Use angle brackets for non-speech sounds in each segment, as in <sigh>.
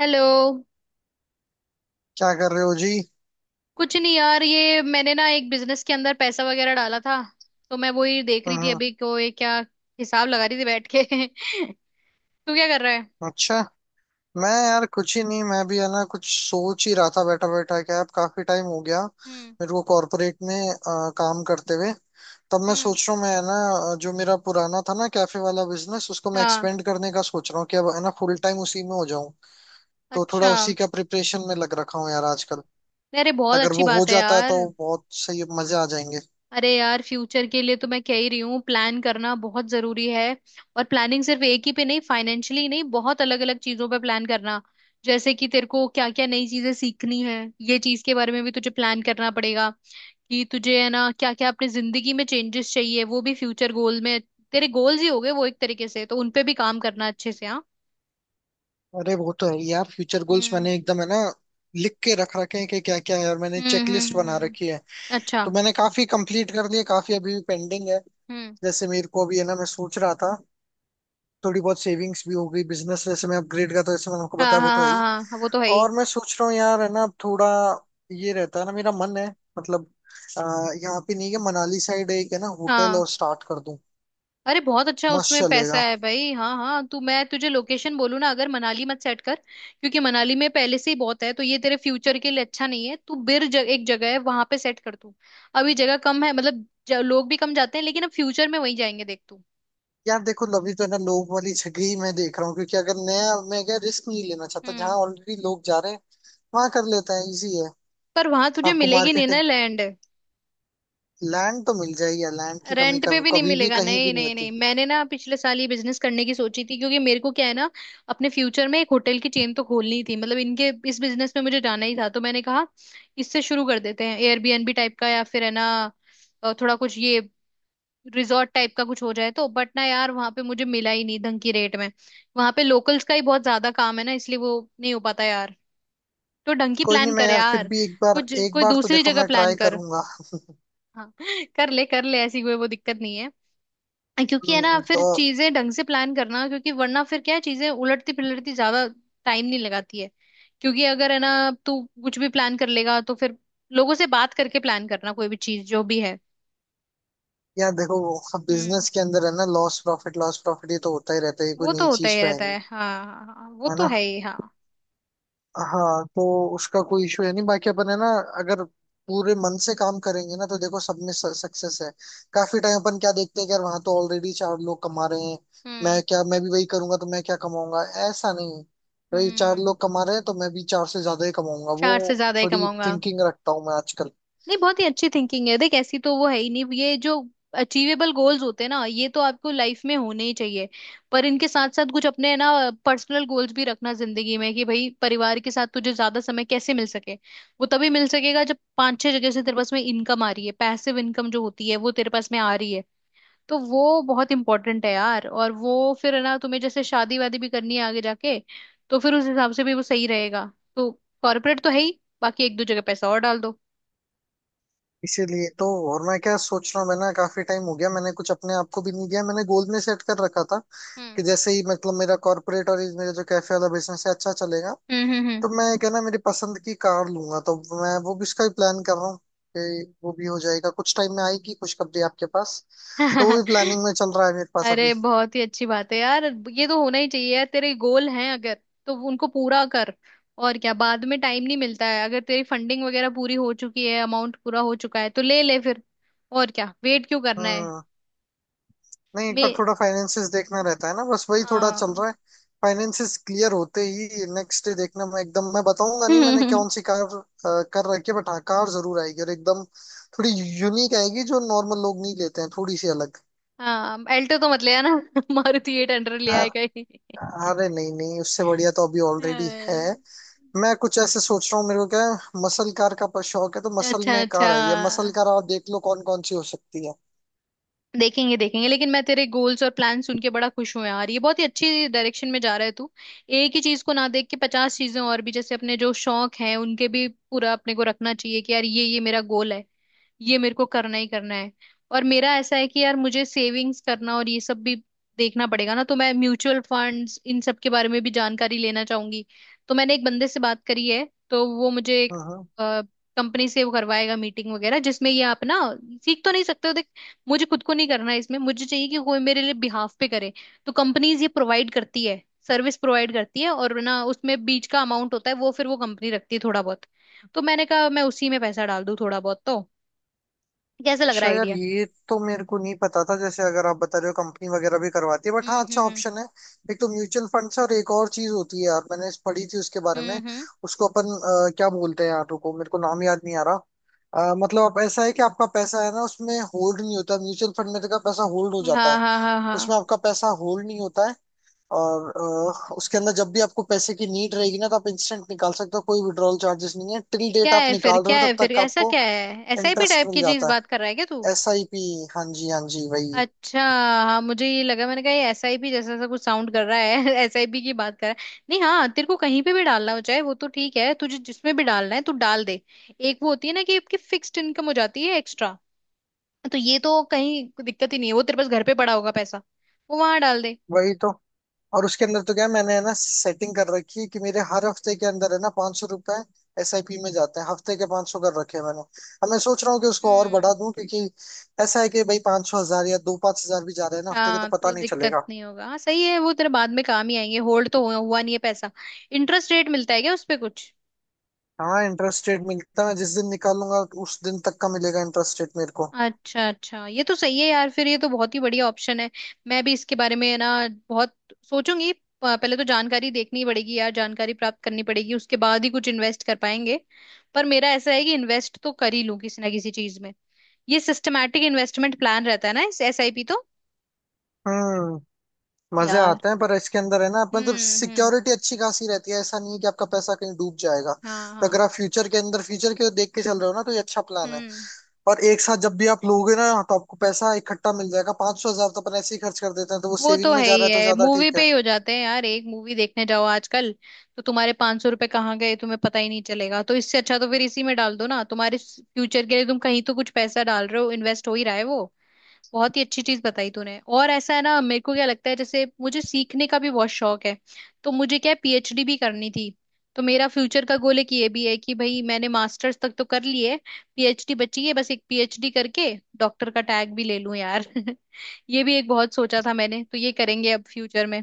Hello. क्या कर रहे हो जी। कुछ नहीं यार, ये मैंने ना एक बिजनेस के अंदर पैसा वगैरह डाला था, तो मैं वही देख रही थी हम्म। अभी को, ये क्या हिसाब लगा रही थी बैठ के। <laughs> तू क्या कर रहा है? अच्छा। मैं यार कुछ ही नहीं, मैं भी है ना कुछ सोच ही रहा था बैठा बैठा। क्या अब काफी टाइम हो गया हम्म। मेरे को कॉर्पोरेट में काम करते हुए। तब मैं हम्म। सोच रहा हूँ मैं है ना, जो मेरा पुराना था ना कैफे वाला बिजनेस, उसको मैं हाँ। एक्सपेंड करने का सोच रहा हूँ कि अब है ना फुल टाइम उसी में हो जाऊं। तो थोड़ा अच्छा। उसी का प्रिपरेशन में लग रखा हूँ यार आजकल। अरे बहुत अगर अच्छी वो हो बात है जाता है यार। तो बहुत सही, मजे आ जाएंगे। अरे यार, फ्यूचर के लिए तो मैं कह ही रही हूँ, प्लान करना बहुत जरूरी है। और प्लानिंग सिर्फ एक ही पे नहीं, फाइनेंशियली नहीं, बहुत अलग अलग चीजों पे प्लान करना। जैसे कि तेरे को क्या क्या नई चीजें सीखनी है, ये चीज के बारे में भी तुझे प्लान करना पड़ेगा। कि तुझे है ना क्या क्या अपनी जिंदगी में चेंजेस चाहिए, वो भी फ्यूचर गोल में। तेरे गोल्स ही हो गए वो एक तरीके से, तो उनपे भी काम करना अच्छे से। हाँ। अरे वो तो है ही यार, फ्यूचर गोल्स हम्म। मैंने एकदम है ना लिख के रख रखे हैं कि क्या क्या है, और मैंने हम्म। चेकलिस्ट हम्म। बना हम्म। रखी है। अच्छा। तो मैंने काफी कंप्लीट कर लिए, काफी अभी भी पेंडिंग है। हम्म। जैसे मेरे को अभी है ना, मैं सोच रहा था थोड़ी बहुत सेविंग्स भी हो गई, बिजनेस जैसे मैं अपग्रेड का तो जैसे मैंने आपको हाँ बताया वो हाँ तो है हाँ ही। हाँ हाँ, वो तो है ही और मैं सोच रहा हूँ यार है ना थोड़ा, ये रहता है ना मेरा मन है। मतलब आ, यहाँ पे नहीं है, मनाली साइड एक है ना होटल हाँ। और स्टार्ट कर दूं। अरे बहुत अच्छा, मस्त उसमें पैसा चलेगा। है भाई। हाँ हाँ, तू मैं तुझे लोकेशन बोलूँ ना, अगर मनाली मत सेट कर, क्योंकि मनाली में पहले से ही बहुत है, तो ये तेरे फ्यूचर के लिए अच्छा नहीं है। तू एक जगह है वहां पे सेट कर तू। अभी जगह कम है, मतलब लोग भी कम जाते हैं, लेकिन अब फ्यूचर में वहीं जाएंगे, देख तू। यार देखो अभी तो है ना लोग वाली जगह ही मैं देख रहा हूँ, क्योंकि अगर नया, मैं क्या रिस्क नहीं लेना चाहता। जहाँ हम्म। ऑलरेडी लोग जा रहे हैं वहां कर लेता है, इजी है। पर वहां तुझे आपको मिलेगी नहीं ना मार्केटिंग, लैंड। लैंड तो मिल जाएगी यार, लैंड की कमी रेंट पे कभी भी नहीं कभी भी मिलेगा। कहीं नहीं भी नहीं नहीं नहीं, होती। मैंने ना पिछले साल ये बिजनेस करने की सोची थी, क्योंकि मेरे को क्या है ना, अपने फ्यूचर में एक होटल की चेन तो खोलनी थी, मतलब इनके इस बिजनेस में मुझे जाना ही था। तो मैंने कहा इससे शुरू कर देते हैं, एयरबीएनबी टाइप का, या फिर है ना थोड़ा कुछ ये रिजॉर्ट टाइप का कुछ हो जाए, तो बट ना यार वहां पे मुझे मिला ही नहीं ढंग की रेट में। वहां पे लोकल्स का ही बहुत ज्यादा काम है ना, इसलिए वो नहीं हो पाता यार। तो ढंग की कोई नहीं, प्लान मैं कर यार फिर यार, भी एक बार, कुछ एक कोई बार तो दूसरी देखो जगह मैं प्लान ट्राई कर। करूंगा। हाँ, कर ले कर ले, ऐसी कोई वो दिक्कत नहीं है। क्योंकि है ना, तो फिर चीजें ढंग से प्लान करना, क्योंकि वरना फिर क्या है, चीजें उलटती पिलटती ज्यादा टाइम नहीं लगाती है। क्योंकि अगर है ना, तू कुछ भी प्लान कर लेगा, तो फिर लोगों से बात करके प्लान करना, कोई भी चीज जो भी है। यार देखो हम्म। बिजनेस के अंदर है ना, लॉस प्रॉफिट ये तो होता ही रहता है, ये कोई वो तो नई होता चीज ही तो है रहता नहीं। है, हाँ हाँ हाँ, वो है तो ना। है ही हाँ। हाँ तो उसका कोई इशू है नहीं, बाकी अपन है ना, अगर पूरे मन से काम करेंगे ना, तो देखो सब में सक्सेस है। काफी टाइम अपन क्या देखते हैं कि यार, वहां तो ऑलरेडी चार लोग कमा रहे हैं, हम्म। मैं क्या, मैं भी वही करूंगा तो मैं क्या कमाऊंगा, ऐसा नहीं है। भाई चार हम्म। लोग कमा रहे हैं तो मैं भी चार से ज्यादा ही कमाऊंगा। वो चार से ज्यादा ही थोड़ी कमाऊंगा। थिंकिंग रखता हूँ मैं आजकल। नहीं, बहुत ही अच्छी थिंकिंग है, देख ऐसी तो वो है ही नहीं। ये जो अचीवेबल गोल्स होते हैं ना, ये तो आपको लाइफ में होने ही चाहिए। पर इनके साथ साथ कुछ अपने ना पर्सनल गोल्स भी रखना जिंदगी में, कि भाई परिवार के साथ तुझे ज्यादा समय कैसे मिल सके। वो तभी मिल सकेगा जब पांच छह जगह से तेरे पास में इनकम आ रही है, पैसिव इनकम जो होती है वो तेरे पास में आ रही है। तो वो बहुत इंपॉर्टेंट है यार। और वो फिर है ना, तुम्हें जैसे शादी वादी भी करनी है आगे जाके, तो फिर उस हिसाब से भी वो सही रहेगा। तो कॉर्पोरेट तो है ही, बाकी एक दो जगह पैसा और डाल दो। इसीलिए तो, और मैं क्या सोच रहा हूँ, मैं ना काफी टाइम हो गया, मैंने कुछ अपने आप को भी नहीं दिया। मैंने गोल में सेट कर रखा था कि जैसे ही, मतलब मेरा कॉर्पोरेट और ये मेरा जो कैफे वाला बिजनेस है अच्छा चलेगा, हम्म हम्म तो मैं क्या ना मेरी पसंद की कार लूंगा। तो मैं वो भी उसका ही प्लान कर रहा हूँ कि वो भी हो जाएगा, कुछ टाइम में आएगी खुशखबरी आपके पास। हम्म। तो वो भी <laughs> प्लानिंग में चल रहा है मेरे पास अभी। अरे बहुत ही अच्छी बात है यार। ये तो होना ही चाहिए यार, तेरे गोल हैं अगर तो उनको पूरा कर। और क्या, बाद में टाइम नहीं मिलता है। अगर तेरी फंडिंग वगैरह पूरी हो चुकी है, अमाउंट पूरा हो चुका है, तो ले ले फिर। और क्या, वेट क्यों करना है। हाँ। नहीं एक मे बार थोड़ा फाइनेंसिस देखना रहता है ना, बस वही थोड़ा चल हाँ। रहा है। फाइनेंसिस क्लियर होते ही नेक्स्ट डे देखना, मैं एकदम, मैं बताऊंगा नहीं मैंने कौन <laughs> सी कार कर रखी है, बट हाँ कार जरूर आएगी। और एकदम थोड़ी यूनिक आएगी, जो नॉर्मल लोग नहीं लेते हैं, थोड़ी सी अलग। हाँ एल्टो तो मत ले आना। <laughs> मारुति 800 ले आए अ- कहीं। अरे नहीं नहीं, उससे <laughs> बढ़िया तो अभी ऑलरेडी है। हाय। मैं कुछ ऐसे सोच रहा हूँ, मेरे को क्या है मसल कार का पर शौक है, तो मसल अच्छा में अच्छा, कार है, ये मसल कार आप देख लो कौन कौन सी हो सकती है। देखेंगे देखेंगे, लेकिन मैं तेरे गोल्स और प्लान सुन के बड़ा खुश हूं यार, ये बहुत ही अच्छी डायरेक्शन में जा रहा है तू। एक ही चीज को ना देख के पचास चीजें और भी, जैसे अपने जो शौक हैं उनके भी पूरा अपने को रखना चाहिए, कि यार ये मेरा गोल है, ये मेरे को करना ही करना है। और मेरा ऐसा है कि यार मुझे सेविंग्स करना और ये सब भी देखना पड़ेगा ना, तो मैं म्यूचुअल फंड्स इन सब के बारे में भी जानकारी लेना चाहूंगी। तो मैंने एक बंदे से बात करी है, तो वो मुझे एक हाँ हाँ। कंपनी से वो करवाएगा मीटिंग वगैरह, जिसमें ये आप ना सीख तो नहीं सकते हो देख, मुझे खुद को नहीं करना है इसमें, मुझे चाहिए कि कोई मेरे लिए बिहाफ पे करे। तो कंपनीज ये प्रोवाइड करती है, सर्विस प्रोवाइड करती है, और ना उसमें बीच का अमाउंट होता है वो फिर वो कंपनी रखती है थोड़ा बहुत। तो मैंने कहा मैं उसी में पैसा डाल दूं थोड़ा बहुत, तो कैसे लग रहा अच्छा है यार, आइडिया? ये तो मेरे को नहीं पता था। जैसे अगर आप बता रहे हो कंपनी वगैरह भी करवाती है, बट हाँ हम्म अच्छा हम्म ऑप्शन है। एक तो म्यूचुअल फंड्स, और एक और चीज होती है यार, मैंने इस पढ़ी थी उसके बारे हम्म में। हम्म हम्म। उसको अपन क्या बोलते हैं यार, रुको मेरे को नाम याद नहीं आ रहा। मतलब आप ऐसा है कि आपका पैसा है ना, उसमें होल्ड नहीं होता। म्यूचुअल फंड में तो का पैसा होल्ड हो जाता हाँ है, हाँ हाँ हाँ, उसमें आपका पैसा होल्ड नहीं होता है। और उसके अंदर जब भी आपको पैसे की नीड रहेगी ना, तो आप इंस्टेंट निकाल सकते हो, कोई विड्रॉल चार्जेस नहीं है। टिल डेट क्या आप है फिर, निकाल रहे क्या हो है तब फिर, तक ऐसा आपको क्या है, एसआईपी इंटरेस्ट टाइप मिल की चीज जाता बात कर रहा है क्या तू? है। SIP, हाँ जी हाँ जी, वही। अच्छा, हाँ मुझे ये लगा, मैंने कहा ये एसआईपी जैसा सा कुछ साउंड कर रहा है। <laughs> एसआईपी की बात कर रहा है, नहीं हाँ, तेरे को कहीं पे भी डालना हो चाहे, वो तो ठीक है, तुझे जिसमें भी डालना है तू डाल दे। एक वो होती है ना कि आपकी फिक्स्ड इनकम हो जाती है एक्स्ट्रा, तो ये तो कहीं दिक्कत ही नहीं है। वो तेरे पास घर पे पड़ा होगा पैसा, वो वहां डाल दे। वही तो। और उसके अंदर तो क्या है, मैंने है ना सेटिंग कर रखी है कि मेरे हर हफ्ते के अंदर है ना 500 रुपए SIP में जाते हैं। हफ्ते के 500 कर रखे हैं मैंने। अब मैं सोच रहा हूँ कि उसको और बढ़ा हम्म। दूं, क्योंकि ऐसा है कि भाई 500 हजार या 2 से 5 हजार भी जा रहे हैं ना हफ्ते के, तो हाँ पता तो नहीं दिक्कत चलेगा। नहीं होगा, हाँ सही है, वो तेरे बाद में काम ही आएंगे। होल्ड तो हुआ नहीं है पैसा। इंटरेस्ट रेट मिलता है क्या उस पे कुछ? हाँ इंटरेस्ट रेट मिलता है, जिस दिन निकालूंगा उस दिन तक का मिलेगा इंटरेस्ट रेट मेरे को। अच्छा अच्छा, ये तो सही है यार, फिर ये तो बहुत ही बढ़िया ऑप्शन है। मैं भी इसके बारे में ना बहुत सोचूंगी। पहले तो जानकारी देखनी पड़ेगी यार, जानकारी प्राप्त करनी पड़ेगी, उसके बाद ही कुछ इन्वेस्ट कर पाएंगे। पर मेरा ऐसा है कि इन्वेस्ट तो कर ही लूं किसी ना किसी चीज में। ये सिस्टमैटिक इन्वेस्टमेंट प्लान रहता है ना इस एसआईपी तो। हम्म। मजे यार, आते हैं, पर इसके अंदर है ना मतलब हम्म, सिक्योरिटी अच्छी खासी रहती है, ऐसा नहीं है कि आपका पैसा कहीं डूब जाएगा। हाँ तो अगर हाँ, आप फ्यूचर के अंदर, फ्यूचर के देख के चल रहे हो ना, तो ये अच्छा प्लान है। हम्म, और एक साथ जब भी आप लोगे ना तो आपको पैसा इकट्ठा मिल जाएगा। 500 हजार तो अपन ऐसे ही खर्च कर देते हैं, तो वो वो तो सेविंग में है जा रहा ही। है तो है ज्यादा मूवी ठीक पे है। ही हो जाते हैं यार, एक मूवी देखने जाओ आजकल, तो तुम्हारे 500 रुपए कहाँ गए तुम्हें पता ही नहीं चलेगा। तो इससे अच्छा तो फिर इसी में डाल दो ना, तुम्हारे फ्यूचर के लिए तुम कहीं तो कुछ पैसा डाल रहे हो, इन्वेस्ट हो ही रहा है वो। बहुत ही अच्छी चीज बताई तूने। और ऐसा है ना, मेरे को क्या लगता है, जैसे मुझे सीखने का भी बहुत शौक है, तो मुझे क्या पीएचडी भी करनी थी। तो मेरा फ्यूचर का गोल एक ये भी है कि भाई मैंने मास्टर्स तक तो कर ली है, पीएचडी बची है, बस एक पीएचडी करके डॉक्टर का टैग भी ले लूं यार। <laughs> ये भी एक बहुत सोचा था मैंने, तो ये करेंगे अब फ्यूचर में।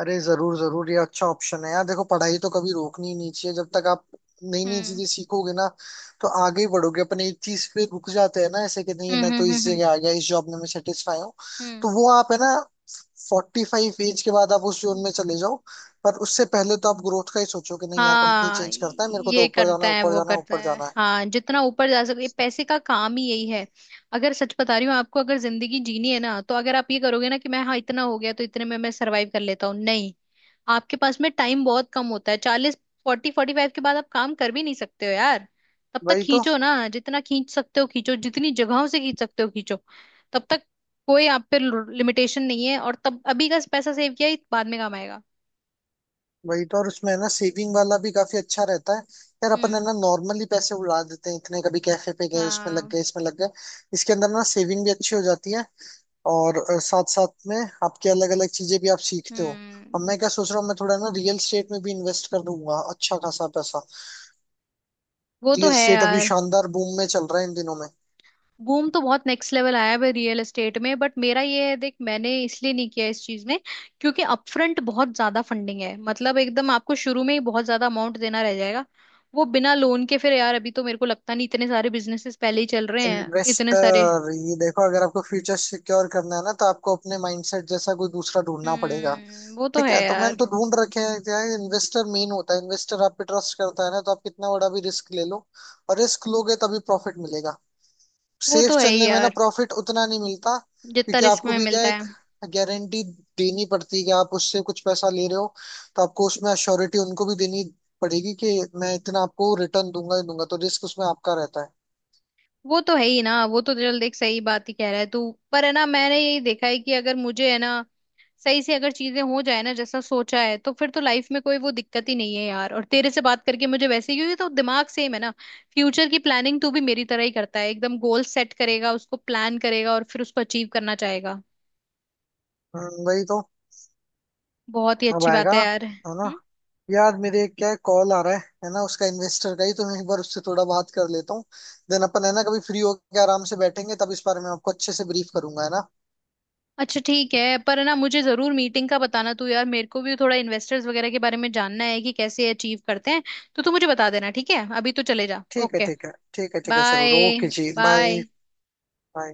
अरे जरूर जरूर, ये अच्छा ऑप्शन है यार। देखो पढ़ाई तो कभी रोकनी ही नहीं चाहिए, जब तक आप नई नई हम्म चीजें सीखोगे ना तो आगे ही बढ़ोगे। अपन एक चीज पे रुक जाते हैं ना ऐसे कि नहीं मैं हम्म तो हम्म इस हम्म जगह आ गया, इस जॉब में मैं सेटिस्फाई हूँ। हम्म तो वो आप है ना 45 एज के बाद आप उस जोन में हम्म। चले जाओ, पर उससे पहले तो आप ग्रोथ का ही सोचो कि नहीं यार कंपनी हाँ चेंज करता है, मेरे को तो ये ऊपर जाना करता है, है ऊपर वो जाना है, करता ऊपर है, जाना है। हाँ जितना ऊपर जा सके, ये पैसे का काम ही यही है। अगर सच बता रही हूँ आपको, अगर जिंदगी जीनी है ना, तो अगर आप ये करोगे ना कि मैं हाँ इतना हो गया तो इतने में मैं सरवाइव कर लेता हूँ, नहीं, आपके पास में टाइम बहुत कम होता है। चालीस, फोर्टी फोर्टी फाइव के बाद आप काम कर भी नहीं सकते हो यार। तब तक वही तो। खींचो ना, जितना खींच सकते हो खींचो, जितनी जगहों से खींच सकते हो खींचो, तब तक कोई आप पे लिमिटेशन नहीं है। और तब अभी का पैसा सेव किया ही बाद में काम आएगा। वही तो, और उसमें है ना सेविंग वाला भी काफी अच्छा रहता है। यार अपन है हम्म। ना नॉर्मली पैसे उड़ा देते हैं इतने, कभी कैफे पे गए उसमें लग हाँ। गए, इसमें लग गए। इसके अंदर ना सेविंग भी अच्छी हो जाती है, और साथ साथ में आपके अलग अलग चीजें भी आप सीखते हो। अब हम्म, मैं क्या सोच रहा हूँ, मैं थोड़ा ना रियल स्टेट में भी इन्वेस्ट कर दूंगा अच्छा खासा पैसा। वो तो रियल है स्टेट अभी यार। शानदार बूम में चल रहा है इन दिनों में। बूम तो बहुत नेक्स्ट लेवल आया है रियल एस्टेट में, बट मेरा ये है, देख मैंने इसलिए नहीं किया इस चीज में, क्योंकि अपफ्रंट बहुत ज्यादा फंडिंग है, मतलब एकदम आपको शुरू में ही बहुत ज्यादा अमाउंट देना रह जाएगा वो बिना लोन के। फिर यार अभी तो मेरे को लगता नहीं, इतने सारे बिजनेसेस पहले ही चल रहे हैं इतने सारे। इन्वेस्टर, ये देखो अगर आपको फ्यूचर सिक्योर करना है ना, तो आपको अपने माइंडसेट जैसा कोई दूसरा ढूंढना पड़ेगा। हम्म, वो तो ठीक है है, तो मैंने यार। तो ढूंढ रखे हैं। क्या है, इन्वेस्टर मेन होता है, इन्वेस्टर आप पे ट्रस्ट करता है ना, तो आप कितना बड़ा भी रिस्क ले लो। और रिस्क लोगे तभी प्रॉफिट मिलेगा, वो सेफ तो है ही चलने में ना यार, प्रॉफिट उतना नहीं मिलता जितना क्योंकि रिस्क आपको में भी क्या मिलता है, एक है। गारंटी देनी पड़ती है कि आप उससे कुछ पैसा ले रहे हो, तो आपको उसमें अश्योरिटी उनको भी देनी पड़ेगी कि मैं इतना आपको रिटर्न दूंगा ही दूंगा, तो रिस्क उसमें आपका रहता है। वो तो है ही ना, वो तो चल, देख सही बात ही कह रहा है तू। पर है ना, मैंने यही देखा है कि अगर मुझे है ना सही से अगर चीजें हो जाए ना जैसा सोचा है, तो फिर तो लाइफ में कोई वो दिक्कत ही नहीं है यार। और तेरे से बात करके मुझे वैसे ही, क्योंकि तो दिमाग सेम है ना, फ्यूचर की प्लानिंग तू भी मेरी तरह ही करता है, एकदम गोल सेट करेगा, उसको प्लान करेगा, और फिर उसको अचीव करना चाहेगा। वही तो। बहुत ही अब अच्छी आएगा, बात है यार। है ना। हम्म। यार मेरे एक क्या कॉल आ रहा है ना उसका इन्वेस्टर का ही, तो मैं एक बार उससे थोड़ा बात कर लेता हूँ। देन अपन है ना कभी फ्री होकर आराम से बैठेंगे, तब इस बारे में आपको अच्छे से ब्रीफ करूंगा, है ना। अच्छा ठीक है, पर ना मुझे जरूर मीटिंग का बताना तू यार, मेरे को भी थोड़ा इन्वेस्टर्स वगैरह के बारे में जानना है कि कैसे अचीव करते हैं, तो तू मुझे बता देना। ठीक है, अभी तो चले जा, ठीक है ओके ठीक है, ठीक है ठीक है, बाय। जरूर, ओके जी, बाय। बाय। बाय।